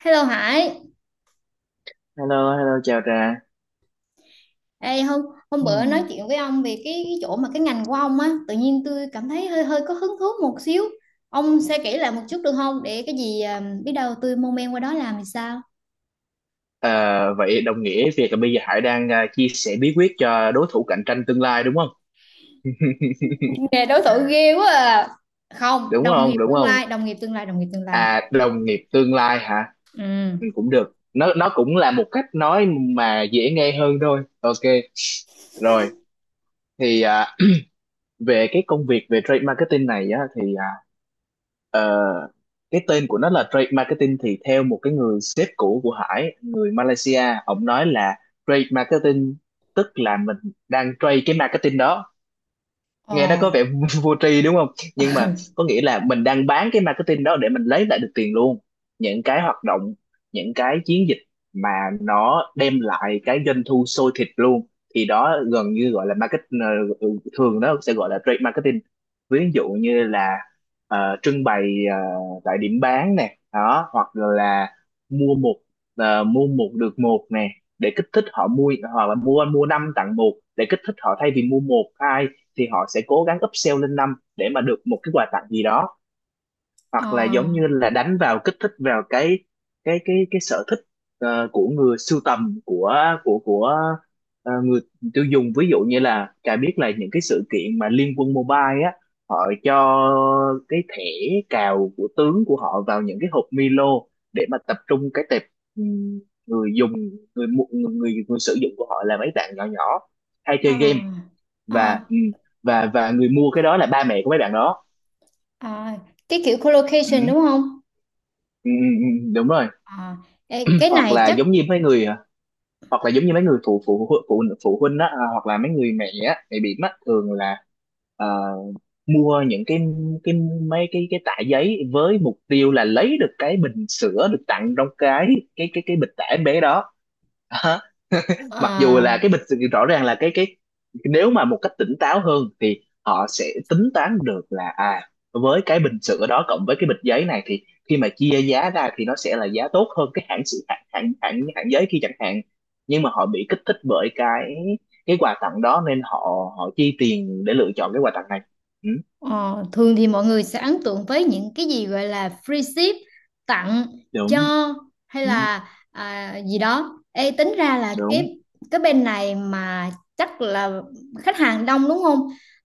Hello Hải. Hello, hello, chào Trà. Ê, hôm hôm bữa nói Hmm. chuyện với ông về cái chỗ mà cái ngành của ông á, tự nhiên tôi cảm thấy hơi hơi có hứng thú một xíu. Ông sẽ kể lại một chút được không? Để cái gì à, biết đâu tôi mong men qua đó làm thì sao? Ờ, Vậy đồng nghĩa việc là bây giờ Hải đang chia sẻ bí quyết cho đối thủ cạnh tranh tương lai đúng không? Nghề đối thủ ghê quá à. Không, Đúng đồng không? nghiệp Đúng tương không? lai, đồng nghiệp tương lai, đồng nghiệp tương lai. À, đồng nghiệp tương lai hả? Ừ. Ừ, cũng được. Nó cũng là một cách nói mà dễ nghe hơn thôi. Ok. Rồi, thì à, về cái công việc về trade marketing này á thì Ờ, cái tên của nó là trade marketing thì theo một cái người sếp cũ của Hải người Malaysia, ông nói là trade marketing tức là mình đang trade cái marketing đó, nghe nó Ờ, có vẻ vô tri đúng không, nhưng mà có nghĩa là mình đang bán cái marketing đó để mình lấy lại được tiền luôn. Những cái hoạt động, những cái chiến dịch mà nó đem lại cái doanh thu sôi thịt luôn thì đó gần như gọi là ờ, thường nó sẽ gọi là trade marketing. Ví dụ như là trưng bày ờ, tại điểm bán nè đó, hoặc là mua một mua một được một nè để kích thích họ mua, hoặc là mua mua năm tặng một để kích thích họ, thay vì mua một hai thì họ sẽ cố gắng upsell lên năm để mà được một cái quà tặng gì đó, ờ, hoặc là giống như là đánh vào kích thích vào cái cái sở thích của người sưu tầm, của người tiêu dùng. Ví dụ như là Trà biết là những cái sự kiện mà Liên Quân Mobile á, họ cho cái thẻ cào của tướng của họ vào những cái hộp Milo để mà tập trung cái tệp ừm, người dùng, người mu- người người, người sử dụng của họ là mấy bạn nhỏ nhỏ hay ờ, chơi game, và ờ, và người mua cái đó là ba mẹ của mấy bạn đó. ờ. Cái kiểu ừ, collocation đúng không? Ừ, đúng rồi. Ờ, cái Hoặc này là chắc giống như mấy người, hoặc là giống như mấy người phụ phụ phụ phụ, phụ huynh á, à, hoặc là mấy người mẹ á, mẹ bị á, thường là ờ, mua những cái mấy cái tã giấy với mục tiêu là lấy được cái bình sữa được tặng trong cái bịch tã em bé đó. ờ, Mặc dù là cái bịch rõ ràng là cái nếu mà một cách tỉnh táo hơn thì họ sẽ tính toán được là à, với cái bình sữa đó cộng với cái bịch giấy này thì khi mà chia giá ra thì nó sẽ là giá tốt hơn cái hãng sữa, hãng giấy kia chẳng hạn. Nhưng mà họ bị kích thích bởi cái quà tặng đó nên họ họ chi tiền để lựa chọn cái quà tặng này. Ừ, Ờ, thường thì mọi người sẽ ấn tượng với những cái gì gọi là free ship tặng đúng. cho hay Ừ, là gì đó. Ê, tính ra là đúng cái bên này mà chắc là khách hàng đông đúng không?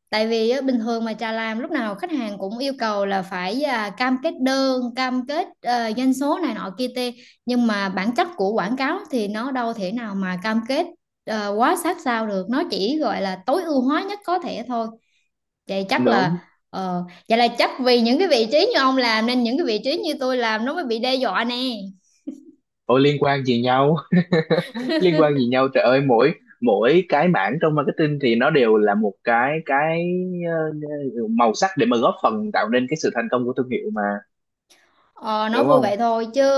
Tại vì á, bình thường mà trà làm lúc nào khách hàng cũng yêu cầu là phải cam kết đơn, cam kết doanh số này nọ kia tê. Nhưng mà bản chất của quảng cáo thì nó đâu thể nào mà cam kết quá sát sao được. Nó chỉ gọi là tối ưu hóa nhất có thể thôi. Vậy chắc đúng. là vậy là chắc vì những cái vị trí như ông làm nên những cái vị trí như tôi làm nó mới bị đe dọa nè. Ôi liên quan gì nhau, liên quan gì nhau trời ơi, mỗi mỗi cái mảng trong marketing thì nó đều là một ờ, màu sắc để mà góp phần tạo nên cái sự thành công của thương hiệu mà, Ờ, nói đúng vui không? vậy thôi chứ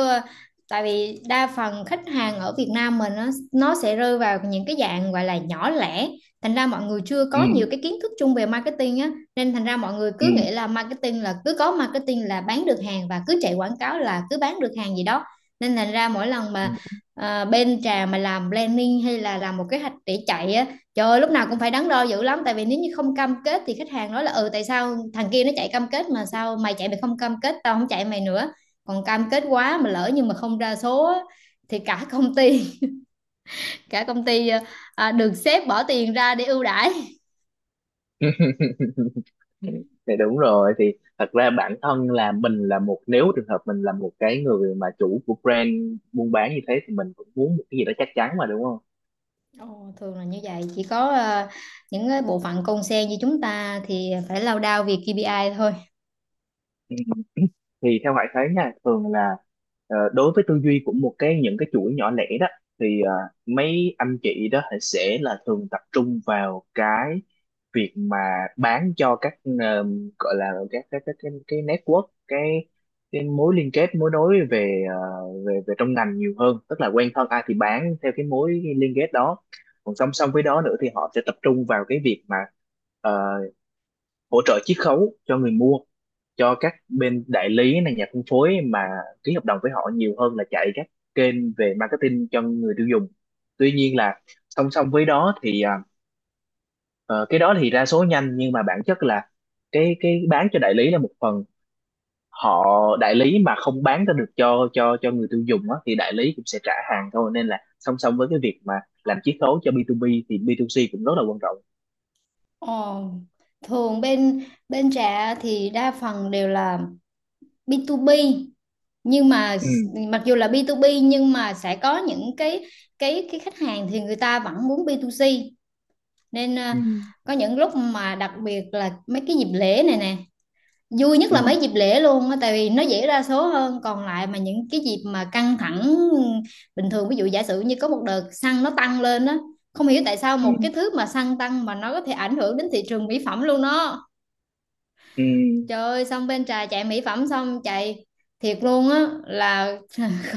tại vì đa phần khách hàng ở Việt Nam mình nó sẽ rơi vào những cái dạng gọi là nhỏ lẻ, thành ra mọi người chưa có Ừ, nhiều cái kiến thức chung về marketing á, nên thành ra mọi người ừ, cứ nghĩ là marketing là cứ có marketing là bán được hàng và cứ chạy quảng cáo là cứ bán được hàng gì đó. Nên thành ra mỗi lần ừ. mà bên trà mà làm planning hay là làm một kế hoạch để chạy á, trời ơi, lúc nào cũng phải đắn đo dữ lắm, tại vì nếu như không cam kết thì khách hàng nói là ừ tại sao thằng kia nó chạy cam kết mà sao mày chạy mày không cam kết tao không chạy mày nữa, còn cam kết quá mà lỡ nhưng mà không ra số thì cả công ty, cả công ty được sếp bỏ tiền ra để ưu đãi. Thì đúng rồi, thì thật ra bản thân là mình là một, nếu trường hợp mình là một cái người mà chủ của brand buôn bán như thế thì mình cũng muốn một cái gì đó chắc chắn mà, đúng không? Ồ, thường là như vậy, chỉ có những cái bộ phận con sen như chúng ta thì phải lao đao vì KPI thôi. Ừ. Thì theo Hải thấy nha, thường là đối với tư duy của một cái những cái chuỗi nhỏ lẻ đó thì mấy anh chị đó thì sẽ là thường tập trung vào cái việc mà bán cho các, ờ, gọi là cái network, cái mối liên kết, mối nối về về về trong ngành nhiều hơn, tức là quen thân ai thì bán theo cái mối liên kết đó. Còn song song với đó nữa thì họ sẽ tập trung vào cái việc mà ờ, hỗ trợ chiết khấu cho người mua, cho các bên đại lý này, nhà phân phối mà ký hợp đồng với họ nhiều hơn là chạy các kênh về marketing cho người tiêu dùng. Tuy nhiên là song song với đó thì cái đó thì ra số nhanh, nhưng mà bản chất là cái bán cho đại lý là một phần, họ đại lý mà không bán ra được cho người tiêu dùng á, thì đại lý cũng sẽ trả hàng thôi. Nên là song song với cái việc mà làm chiết khấu cho B2B thì B2C cũng rất là quan trọng. Ồ, thường bên bên trẻ thì đa phần đều là B2B, nhưng mà ừ mặc dù là B2B nhưng mà sẽ có những cái khách hàng thì người ta vẫn muốn B2C, nên ừ có những lúc mà đặc biệt là mấy cái dịp lễ này nè, vui nhất ừ là mấy dịp lễ luôn á tại vì nó dễ ra số hơn, còn lại mà những cái dịp mà căng thẳng bình thường, ví dụ giả sử như có một đợt xăng nó tăng lên á, không hiểu tại sao ừ một cái thứ mà xăng tăng mà nó có thể ảnh hưởng đến thị trường mỹ phẩm luôn đó. ừ Trời ơi xong bên trà chạy mỹ phẩm xong chạy thiệt luôn á là,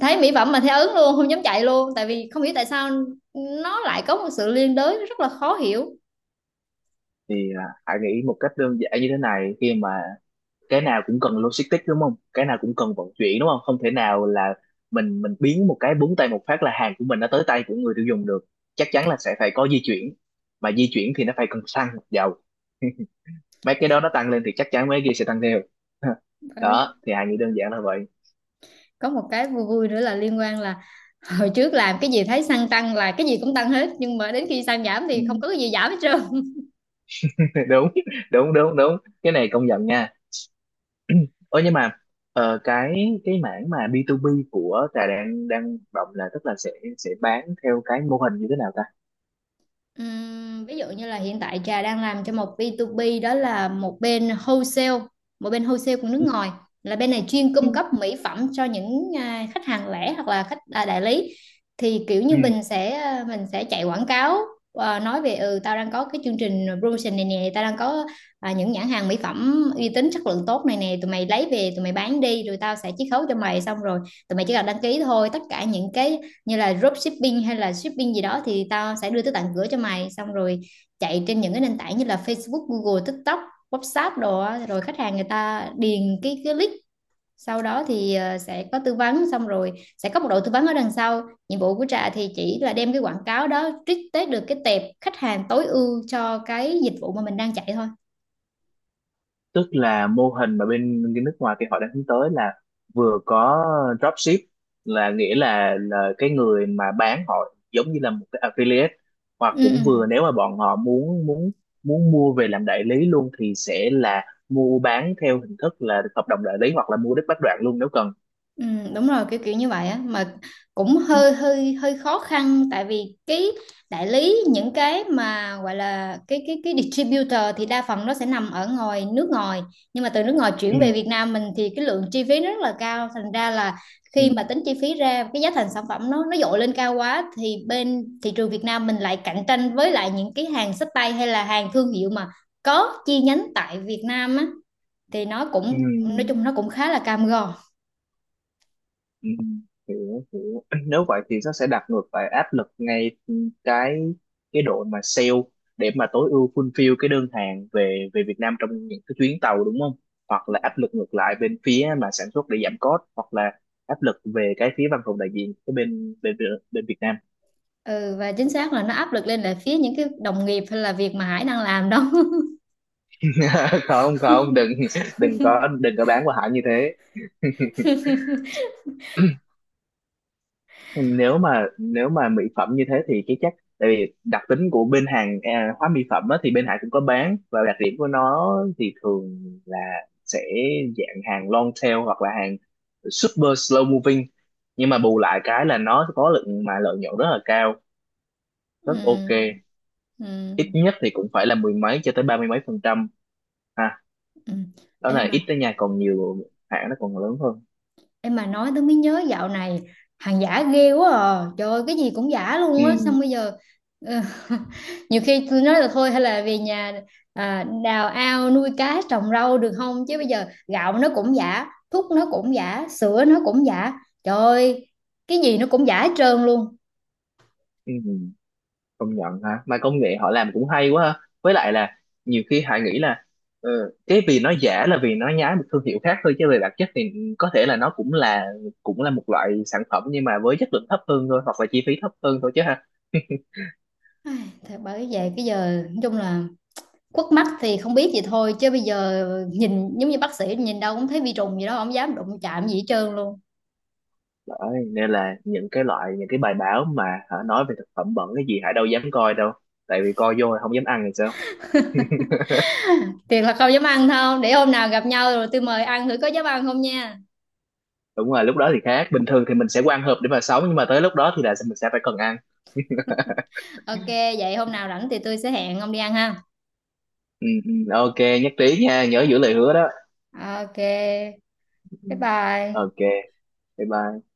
thấy mỹ phẩm mà thấy ớn luôn không dám chạy luôn tại vì không hiểu tại sao nó lại có một sự liên đới rất là khó hiểu. thì à, hãy nghĩ một cách đơn giản như thế này, khi mà cái nào cũng cần logistics đúng không, cái nào cũng cần vận chuyển đúng không, không thể nào là mình biến một cái búng tay một phát là hàng của mình nó tới tay của người tiêu dùng được. Chắc chắn là sẽ phải có di chuyển, mà di chuyển thì nó phải cần xăng dầu. Mấy cái đó nó tăng lên thì chắc chắn mấy cái kia sẽ tăng theo. Ừ. Đó, thì hãy nghĩ đơn giản là vậy. Có một cái vui vui nữa là liên quan là hồi trước làm cái gì thấy xăng tăng là cái gì cũng tăng hết, nhưng mà đến khi xăng giảm thì không Ừ. có cái gì giảm hết trơn. Đúng, đúng đúng đúng, cái này công nhận nha. Ơ nhưng mà ờ, cái cái mảng mà B2B của Trà đang đang hoạt động là, tức là sẽ bán theo cái mô hình như thế nào ta? Ví dụ như là hiện tại Trà đang làm cho một B2B, đó là một bên wholesale của nước ngoài, Ừ. là bên này chuyên cung Ừ. cấp mỹ phẩm cho những khách hàng lẻ hoặc là khách đại lý, thì kiểu như Ừ, mình sẽ mình sẽ chạy quảng cáo nói về ừ tao đang có cái chương trình promotion này nè, tao đang có những nhãn hàng mỹ phẩm uy tín chất lượng tốt này nè, tụi mày lấy về tụi mày bán đi rồi tao sẽ chiết khấu cho mày, xong rồi tụi mày chỉ cần đăng ký thôi, tất cả những cái như là dropshipping hay là shipping gì đó thì tao sẽ đưa tới tận cửa cho mày, xong rồi chạy trên những cái nền tảng như là Facebook, Google, TikTok, WhatsApp đồ á. Rồi khách hàng người ta điền cái link, sau đó thì sẽ có tư vấn, xong rồi sẽ có một đội tư vấn ở đằng sau. Nhiệm vụ của Trà thì chỉ là đem cái quảng cáo đó trích tới được cái tệp khách hàng tối ưu cho cái dịch vụ mà mình đang chạy thôi. tức là mô hình mà bên cái nước ngoài kia họ đang hướng tới là vừa có dropship, là nghĩa là cái người mà bán họ giống như là một cái affiliate, hoặc Ừ. Ừ. cũng vừa nếu mà bọn họ muốn muốn muốn mua về làm đại lý luôn thì sẽ là mua bán theo hình thức là hợp đồng đại lý, hoặc là mua đứt bách đoạn luôn nếu cần. Ừ, đúng rồi kiểu kiểu như vậy á mà cũng hơi hơi hơi khó khăn tại vì cái đại lý những cái mà gọi là cái distributor thì đa phần nó sẽ nằm ở ngoài nước ngoài, nhưng mà từ nước ngoài Ừ chuyển về Việt Nam mình thì cái lượng chi phí nó rất là cao, thành ra là ừ khi mà tính chi phí ra cái giá thành sản phẩm nó dội lên cao quá thì bên thị trường Việt Nam mình lại cạnh tranh với lại những cái hàng xách tay hay là hàng thương hiệu mà có chi nhánh tại Việt Nam á, thì nó ừ. cũng nói chung nó cũng khá là cam go. Ừ, hiểu, hiểu. Nếu vậy thì nó sẽ đặt ngược lại áp lực ngay cái cái đội mà sale để mà tối ưu fulfill cái đơn hàng về về Việt Nam trong những cái chuyến tàu đúng không, hoặc là áp lực ngược lại bên phía mà sản xuất để giảm cost, hoặc là áp lực về cái phía văn phòng đại diện cái bên bên bên Việt Nam. Ừ và chính xác là nó áp lực lên là phía những cái đồng nghiệp hay là việc mà Hải đang làm đó. Không không, đừng, đừng có bán qua hãng như thế. Nếu mà mỹ phẩm như thế thì cái chắc tại vì đặc tính của bên hàng à, hóa mỹ phẩm á, thì bên Hải cũng có bán. Và đặc điểm của nó thì thường là sẽ dạng hàng long tail hoặc là hàng super slow moving, nhưng mà bù lại cái là nó có lượng mà lợi nhuận rất là cao, ừ, rất ok. Ít ừ, nhất thì cũng phải là mười mấy cho tới ba mươi mấy phần trăm ha. ừ. Đó Em là ít mà, đó nha, còn nhiều hãng nó còn lớn hơn. em mà nói tôi mới nhớ dạo này hàng giả ghê quá à, trời ơi, cái gì cũng giả luôn Ừ. á, xong bây giờ ờ, nhiều khi tôi nói là thôi hay là về nhà đào ao nuôi cá trồng rau được không, chứ bây giờ gạo nó cũng giả, thuốc nó cũng giả, sữa nó cũng giả, trời ơi, cái gì nó cũng giả hết trơn luôn. Ừ. Ừ, công nhận ha, mà công nghệ họ làm cũng hay quá ha, với lại là nhiều khi Hải nghĩ là ờ, cái vì nó giả là vì nó nhái một thương hiệu khác thôi, chứ về bản chất thì có thể là nó cũng là một loại sản phẩm nhưng mà với chất lượng thấp hơn thôi, hoặc là chi phí thấp hơn thôi chứ ha. Ai, thật, bởi vậy cái giờ nói chung là quất mắt thì không biết gì thôi chứ bây giờ nhìn giống như bác sĩ, nhìn đâu cũng thấy vi trùng gì đó, không dám đụng chạm gì hết trơn luôn. Đấy, nên là những cái loại, những cái bài báo mà hả, nói về thực phẩm bẩn cái gì Hải đâu dám coi đâu, tại vì coi vô là không dám ăn thì sao. Thiệt là không dám ăn thôi, để hôm nào gặp nhau rồi tôi mời ăn thử có dám ăn không nha. Đúng rồi, lúc đó thì khác, bình thường thì mình sẽ quan hợp để mà sống, nhưng mà tới lúc đó thì là mình sẽ phải cần ăn. Ok, vậy hôm nào rảnh thì tôi sẽ hẹn ông đi ăn ha. Ừ, ừ, ok, nhất trí nha, nhớ giữ lời hứa đó. Ok, bye bye. Ok. Bye bye.